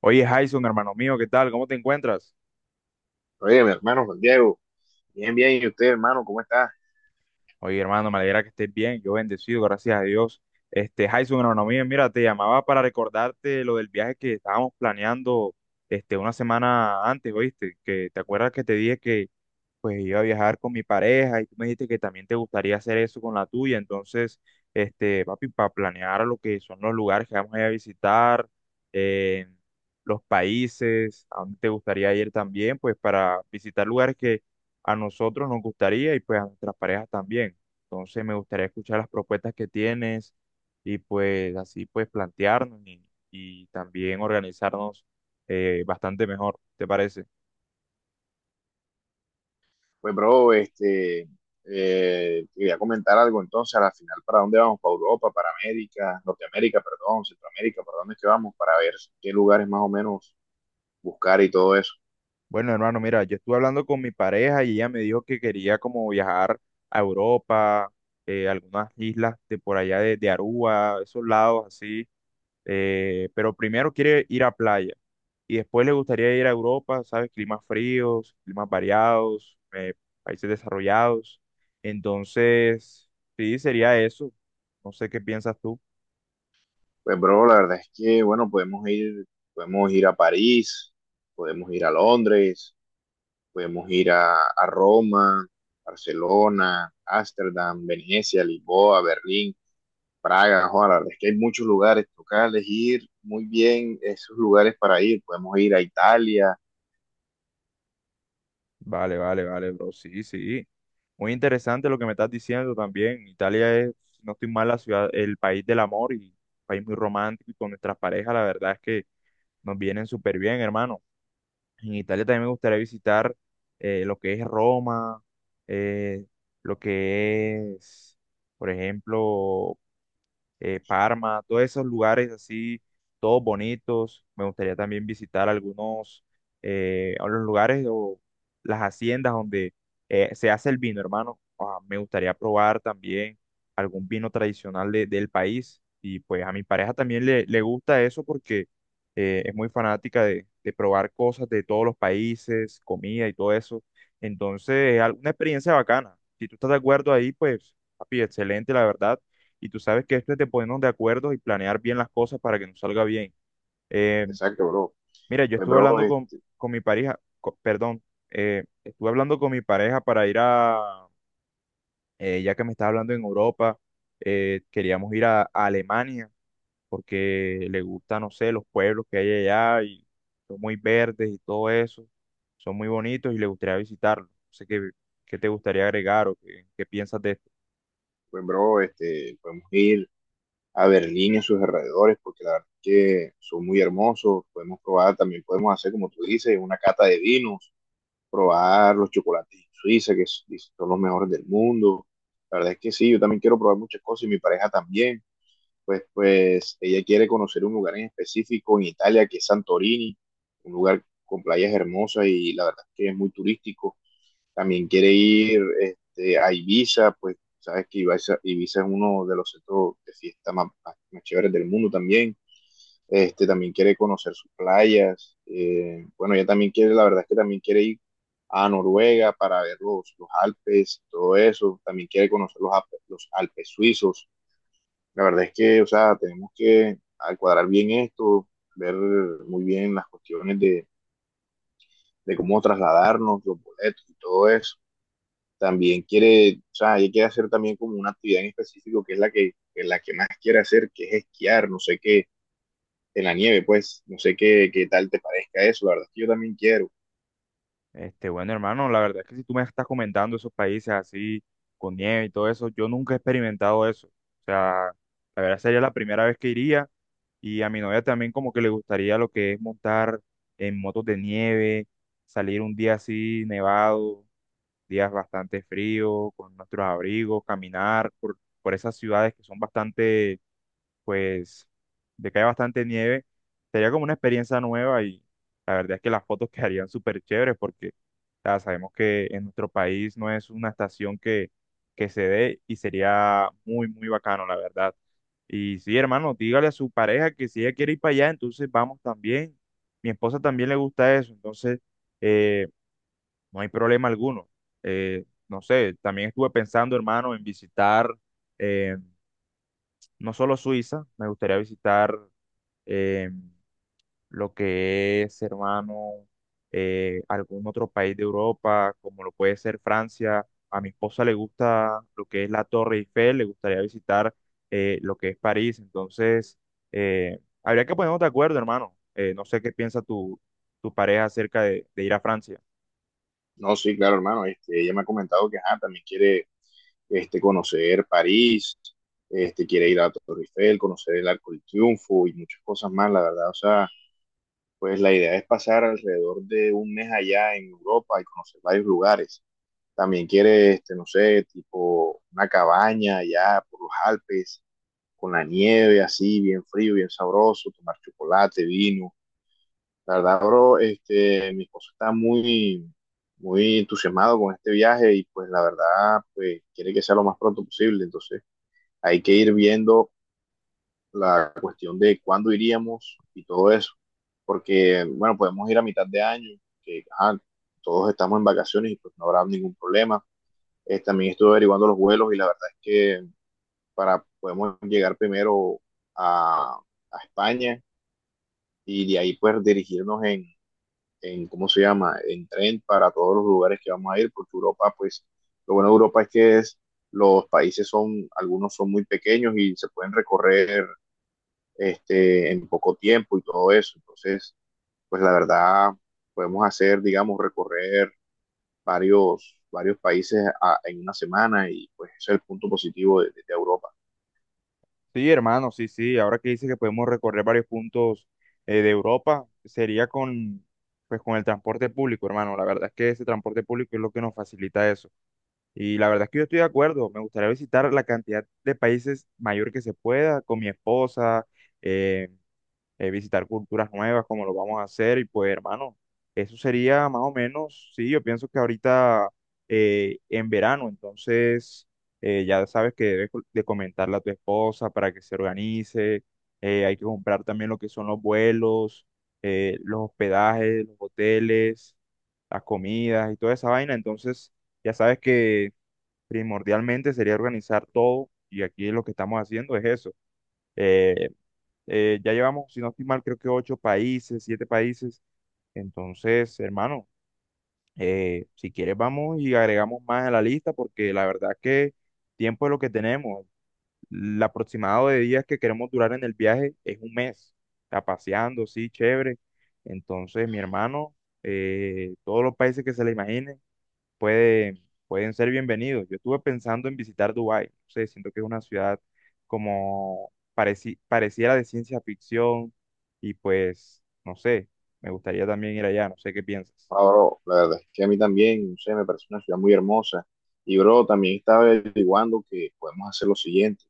Oye, Jason, hermano mío, ¿qué tal? ¿Cómo te encuentras? Oye, mi hermano Juan Diego, bien, bien, ¿y usted, hermano, cómo está? Oye, hermano, me alegra que estés bien. Yo bendecido, gracias a Dios. Jason, hermano mío, mira, te llamaba para recordarte lo del viaje que estábamos planeando, una semana antes, ¿oíste? Que te acuerdas que te dije que pues iba a viajar con mi pareja y tú me dijiste que también te gustaría hacer eso con la tuya. Entonces, papi, para planear lo que son los lugares que vamos a ir a visitar, eh, los países, a dónde te gustaría ir también, pues para visitar lugares que a nosotros nos gustaría y pues a nuestras parejas también. Entonces, me gustaría escuchar las propuestas que tienes y pues así pues plantearnos y también organizarnos bastante mejor, ¿te parece? Pues, bro, este, quería comentar algo entonces, a la final, ¿para dónde vamos? ¿Para Europa, para América, Norteamérica, perdón, Centroamérica, para dónde es que vamos? Para ver qué lugares más o menos buscar y todo eso. Bueno, hermano, mira, yo estuve hablando con mi pareja y ella me dijo que quería como viajar a Europa, algunas islas de por allá de Aruba, esos lados así, pero primero quiere ir a playa y después le gustaría ir a Europa, ¿sabes? Climas fríos, climas variados, países desarrollados. Entonces, sí, sería eso. No sé qué piensas tú. Pues, bro, la verdad es que, bueno, podemos ir a París, podemos ir a Londres, podemos ir a Roma, Barcelona, Ámsterdam, Venecia, Lisboa, Berlín. Praga, Juan, es que hay muchos lugares, toca elegir muy bien esos lugares para ir. Podemos ir a Italia, Vale, vale, vale, bro. Sí, sí. Muy interesante lo que me estás diciendo también. Italia es, si no estoy mal, la ciudad, el país del amor y país muy romántico y con nuestras parejas, la verdad es que nos vienen súper bien, hermano. En Italia también me gustaría visitar lo que es Roma, eh, lo que es, por ejemplo, Parma, todos esos lugares así, todos bonitos. Me gustaría también visitar algunos a los lugares o las haciendas donde se hace el vino, hermano. Ah, me gustaría probar también algún vino tradicional del país. Y pues a mi pareja también le gusta eso porque es muy fanática de probar cosas de todos los países, comida y todo eso. Entonces, es una experiencia bacana. Si tú estás de acuerdo ahí, pues, papi, excelente, la verdad y tú sabes que esto es de ponernos de acuerdo y planear bien las cosas para que nos salga bien. Eh, exacto, bro. mira, yo Pues, estuve bro, hablando con mi pareja, perdón, estuve hablando con mi pareja para ir a, ya que me estás hablando en Europa, queríamos ir a Alemania porque le gusta, no sé, los pueblos que hay allá y son muy verdes y todo eso, son muy bonitos y le gustaría visitarlos. No sé qué, qué te gustaría agregar o qué, qué piensas de esto. pues, bro, este, podemos ir a Berlín y a sus alrededores, porque la verdad es que son muy hermosos. Podemos probar, también podemos hacer, como tú dices, una cata de vinos, probar los chocolates en Suiza, son los mejores del mundo. La verdad es que sí, yo también quiero probar muchas cosas y mi pareja también. Pues, pues ella quiere conocer un lugar en específico en Italia, que es Santorini, un lugar con playas hermosas y la verdad es que es muy turístico. También quiere ir este, a Ibiza, pues sabes que Ibiza es uno de los centros de fiesta más chéveres del mundo también. Este, también quiere conocer sus playas. Bueno ella también quiere, la verdad es que también quiere ir a Noruega para ver los Alpes, todo eso. También quiere conocer los, los Alpes suizos. La verdad es que, o sea, tenemos que al cuadrar bien esto, ver muy bien las cuestiones de cómo trasladarnos, los boletos y todo eso. También quiere, o sea, ella quiere hacer también como una actividad en específico que es la que la que más quiere hacer, que es esquiar, no sé qué, en la nieve, pues, no sé qué, qué tal te parezca eso, la verdad es que yo también quiero. Bueno, hermano, la verdad es que si tú me estás comentando esos países así, con nieve y todo eso, yo nunca he experimentado eso. O sea, la verdad sería la primera vez que iría y a mi novia también como que le gustaría lo que es montar en motos de nieve, salir un día así nevado, días bastante fríos, con nuestros abrigos, caminar por esas ciudades que son bastante pues de que hay bastante nieve, sería como una experiencia nueva y la verdad es que las fotos quedarían súper chéveres porque ya sabemos que en nuestro país no es una estación que se dé y sería muy, muy bacano, la verdad. Y sí, hermano, dígale a su pareja que si ella quiere ir para allá, entonces vamos también. Mi esposa también le gusta eso, entonces eh, no hay problema alguno. No sé, también estuve pensando, hermano, en visitar eh, no solo Suiza, me gustaría visitar eh, lo que es, hermano, algún otro país de Europa, como lo puede ser Francia. A mi esposa le gusta lo que es la Torre Eiffel, le gustaría visitar lo que es París. Entonces, habría que ponernos de acuerdo, hermano. No sé qué piensa tu, tu pareja acerca de ir a Francia. No, sí, claro, hermano, este, ella me ha comentado que ajá, también quiere este, conocer París, este, quiere ir a la Torre Eiffel, conocer el Arco del Triunfo y muchas cosas más, la verdad, o sea, pues la idea es pasar alrededor de un mes allá en Europa y conocer varios lugares. También quiere, este, no sé, tipo una cabaña allá por los Alpes, con la nieve así, bien frío, bien sabroso, tomar chocolate, vino. La verdad, bro, este, mi esposo está muy, muy entusiasmado con este viaje y pues la verdad, pues quiere que sea lo más pronto posible. Entonces hay que ir viendo la cuestión de cuándo iríamos y todo eso, porque, bueno, podemos ir a mitad de año, que ajá, todos estamos en vacaciones y pues no habrá ningún problema. También estuve averiguando los vuelos y la verdad es que para podemos llegar primero a, a España y de ahí pues dirigirnos en, ¿cómo se llama?, en tren para todos los lugares que vamos a ir, porque Europa, pues, lo bueno de Europa es que es, los países son, algunos son muy pequeños y se pueden recorrer este, en poco tiempo y todo eso. Entonces, pues la verdad, podemos hacer, digamos, recorrer varios países en una semana y pues ese es el punto positivo de Europa. Sí, hermano, sí, sí. Ahora que dice que podemos recorrer varios puntos de Europa, sería con, pues, con el transporte público, hermano. La verdad es que ese transporte público es lo que nos facilita eso. Y la verdad es que yo estoy de acuerdo, me gustaría visitar la cantidad de países mayor que se pueda con mi esposa, eh, visitar culturas nuevas como lo vamos a hacer y pues hermano, eso sería más o menos, sí, yo pienso que ahorita en verano, entonces ya sabes que debes de comentarle a tu esposa para que se organice, hay que comprar también lo que son los vuelos, los hospedajes, los hoteles, las comidas y toda esa vaina, entonces... Ya sabes que primordialmente sería organizar todo y aquí lo que estamos haciendo es eso. Eh, ya llevamos, si no estoy mal, creo que ocho países, siete países. Entonces, hermano, si quieres vamos y agregamos más a la lista porque la verdad que tiempo es lo que tenemos. El aproximado de días que queremos durar en el viaje es un mes. Está paseando, sí, chévere. Entonces, mi hermano, todos los países que se le imaginen, puede, pueden ser bienvenidos. Yo estuve pensando en visitar Dubái, no sé, siento que es una ciudad como pareciera de ciencia ficción y pues, no sé, me gustaría también ir allá, no sé qué piensas. Ahora, la verdad es que a mí también, no sé, me parece una ciudad muy hermosa. Y bro, también estaba averiguando que podemos hacer lo siguiente.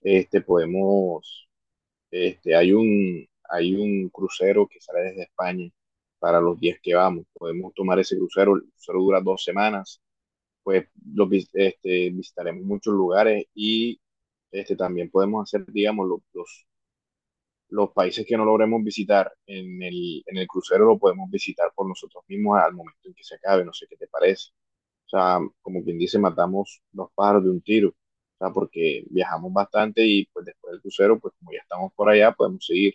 Este, podemos, este, hay un crucero que sale desde España para los días que vamos. Podemos tomar ese crucero, el crucero dura dos semanas, pues los, este, visitaremos muchos lugares y este, también podemos hacer, digamos, los países que no logremos visitar en el crucero, lo podemos visitar por nosotros mismos al momento en que se acabe, no sé qué te parece. O sea, como quien dice, matamos dos pájaros de un tiro, o sea, porque viajamos bastante y pues después del crucero, pues como ya estamos por allá, podemos seguir.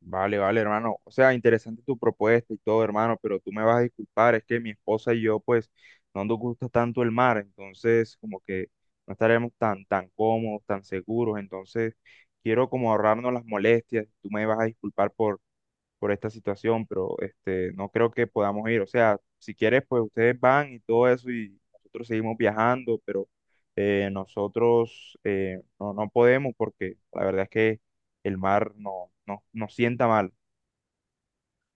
Vale, vale, hermano. O sea, interesante tu propuesta y todo, hermano, pero tú me vas a disculpar, es que mi esposa y yo, pues, no nos gusta tanto el mar, entonces, como que no estaremos tan, tan cómodos, tan seguros, entonces, quiero como ahorrarnos las molestias, tú me vas a disculpar por esta situación, pero este, no creo que podamos ir. O sea, si quieres, pues ustedes van y todo eso y nosotros seguimos viajando, pero nosotros no, no podemos porque la verdad es que el mar no, no, nos sienta mal.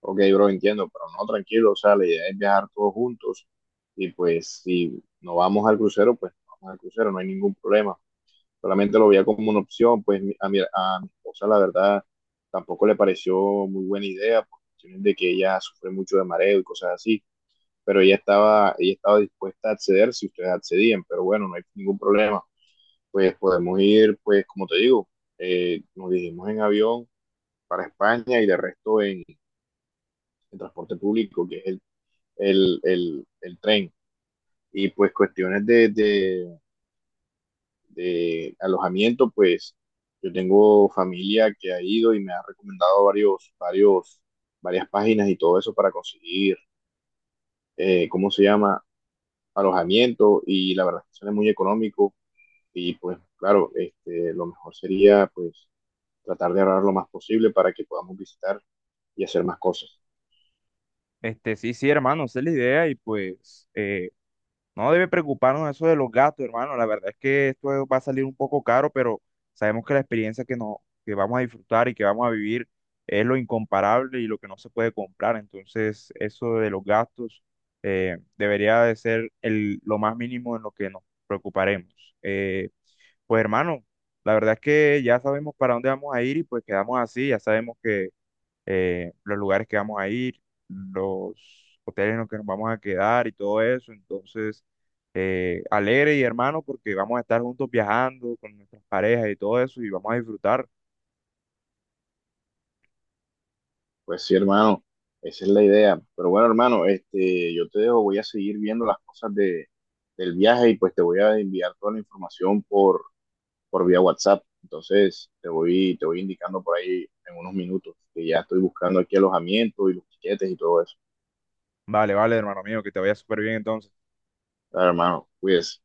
Ok, bro, entiendo, pero no, tranquilo, o sea, la idea es viajar todos juntos y pues si no vamos al crucero, pues no vamos al crucero, no hay ningún problema. Solamente lo veía como una opción, pues a mi esposa la verdad tampoco le pareció muy buena idea, por cuestiones de que ella sufre mucho de mareo y cosas así, pero ella estaba dispuesta a acceder si ustedes accedían, pero bueno, no hay ningún problema, pues podemos ir, pues como te digo, nos dirigimos en avión para España y de resto en transporte público, que es el tren, y pues cuestiones de alojamiento, pues yo tengo familia que ha ido y me ha recomendado varias páginas y todo eso para conseguir, ¿cómo se llama? Alojamiento y la verdad es que sale muy económico y pues claro, este, lo mejor sería pues tratar de ahorrar lo más posible para que podamos visitar y hacer más cosas. Este, sí, sí, hermano, esa es la idea y pues no debe preocuparnos eso de los gastos, hermano. La verdad es que esto va a salir un poco caro, pero sabemos que la experiencia que, no, que vamos a disfrutar y que vamos a vivir es lo incomparable y lo que no se puede comprar. Entonces, eso de los gastos debería de ser el, lo más mínimo en lo que nos preocuparemos. Eh, pues, hermano, la verdad es que ya sabemos para dónde vamos a ir y pues quedamos así. Ya sabemos que los lugares que vamos a ir, los hoteles en los que nos vamos a quedar y todo eso. Entonces, alegre y hermano, porque vamos a estar juntos viajando con nuestras parejas y todo eso y vamos a disfrutar. Pues sí, hermano, esa es la idea. Pero bueno, hermano, este, yo te dejo, voy a seguir viendo las cosas de, del viaje y pues te voy a enviar toda la información por vía WhatsApp. Entonces, te voy indicando por ahí en unos minutos que ya estoy buscando aquí alojamiento y los tiquetes y todo eso. Vale, vale, hermano mío, que te vaya súper bien entonces. Dale, hermano, cuídese.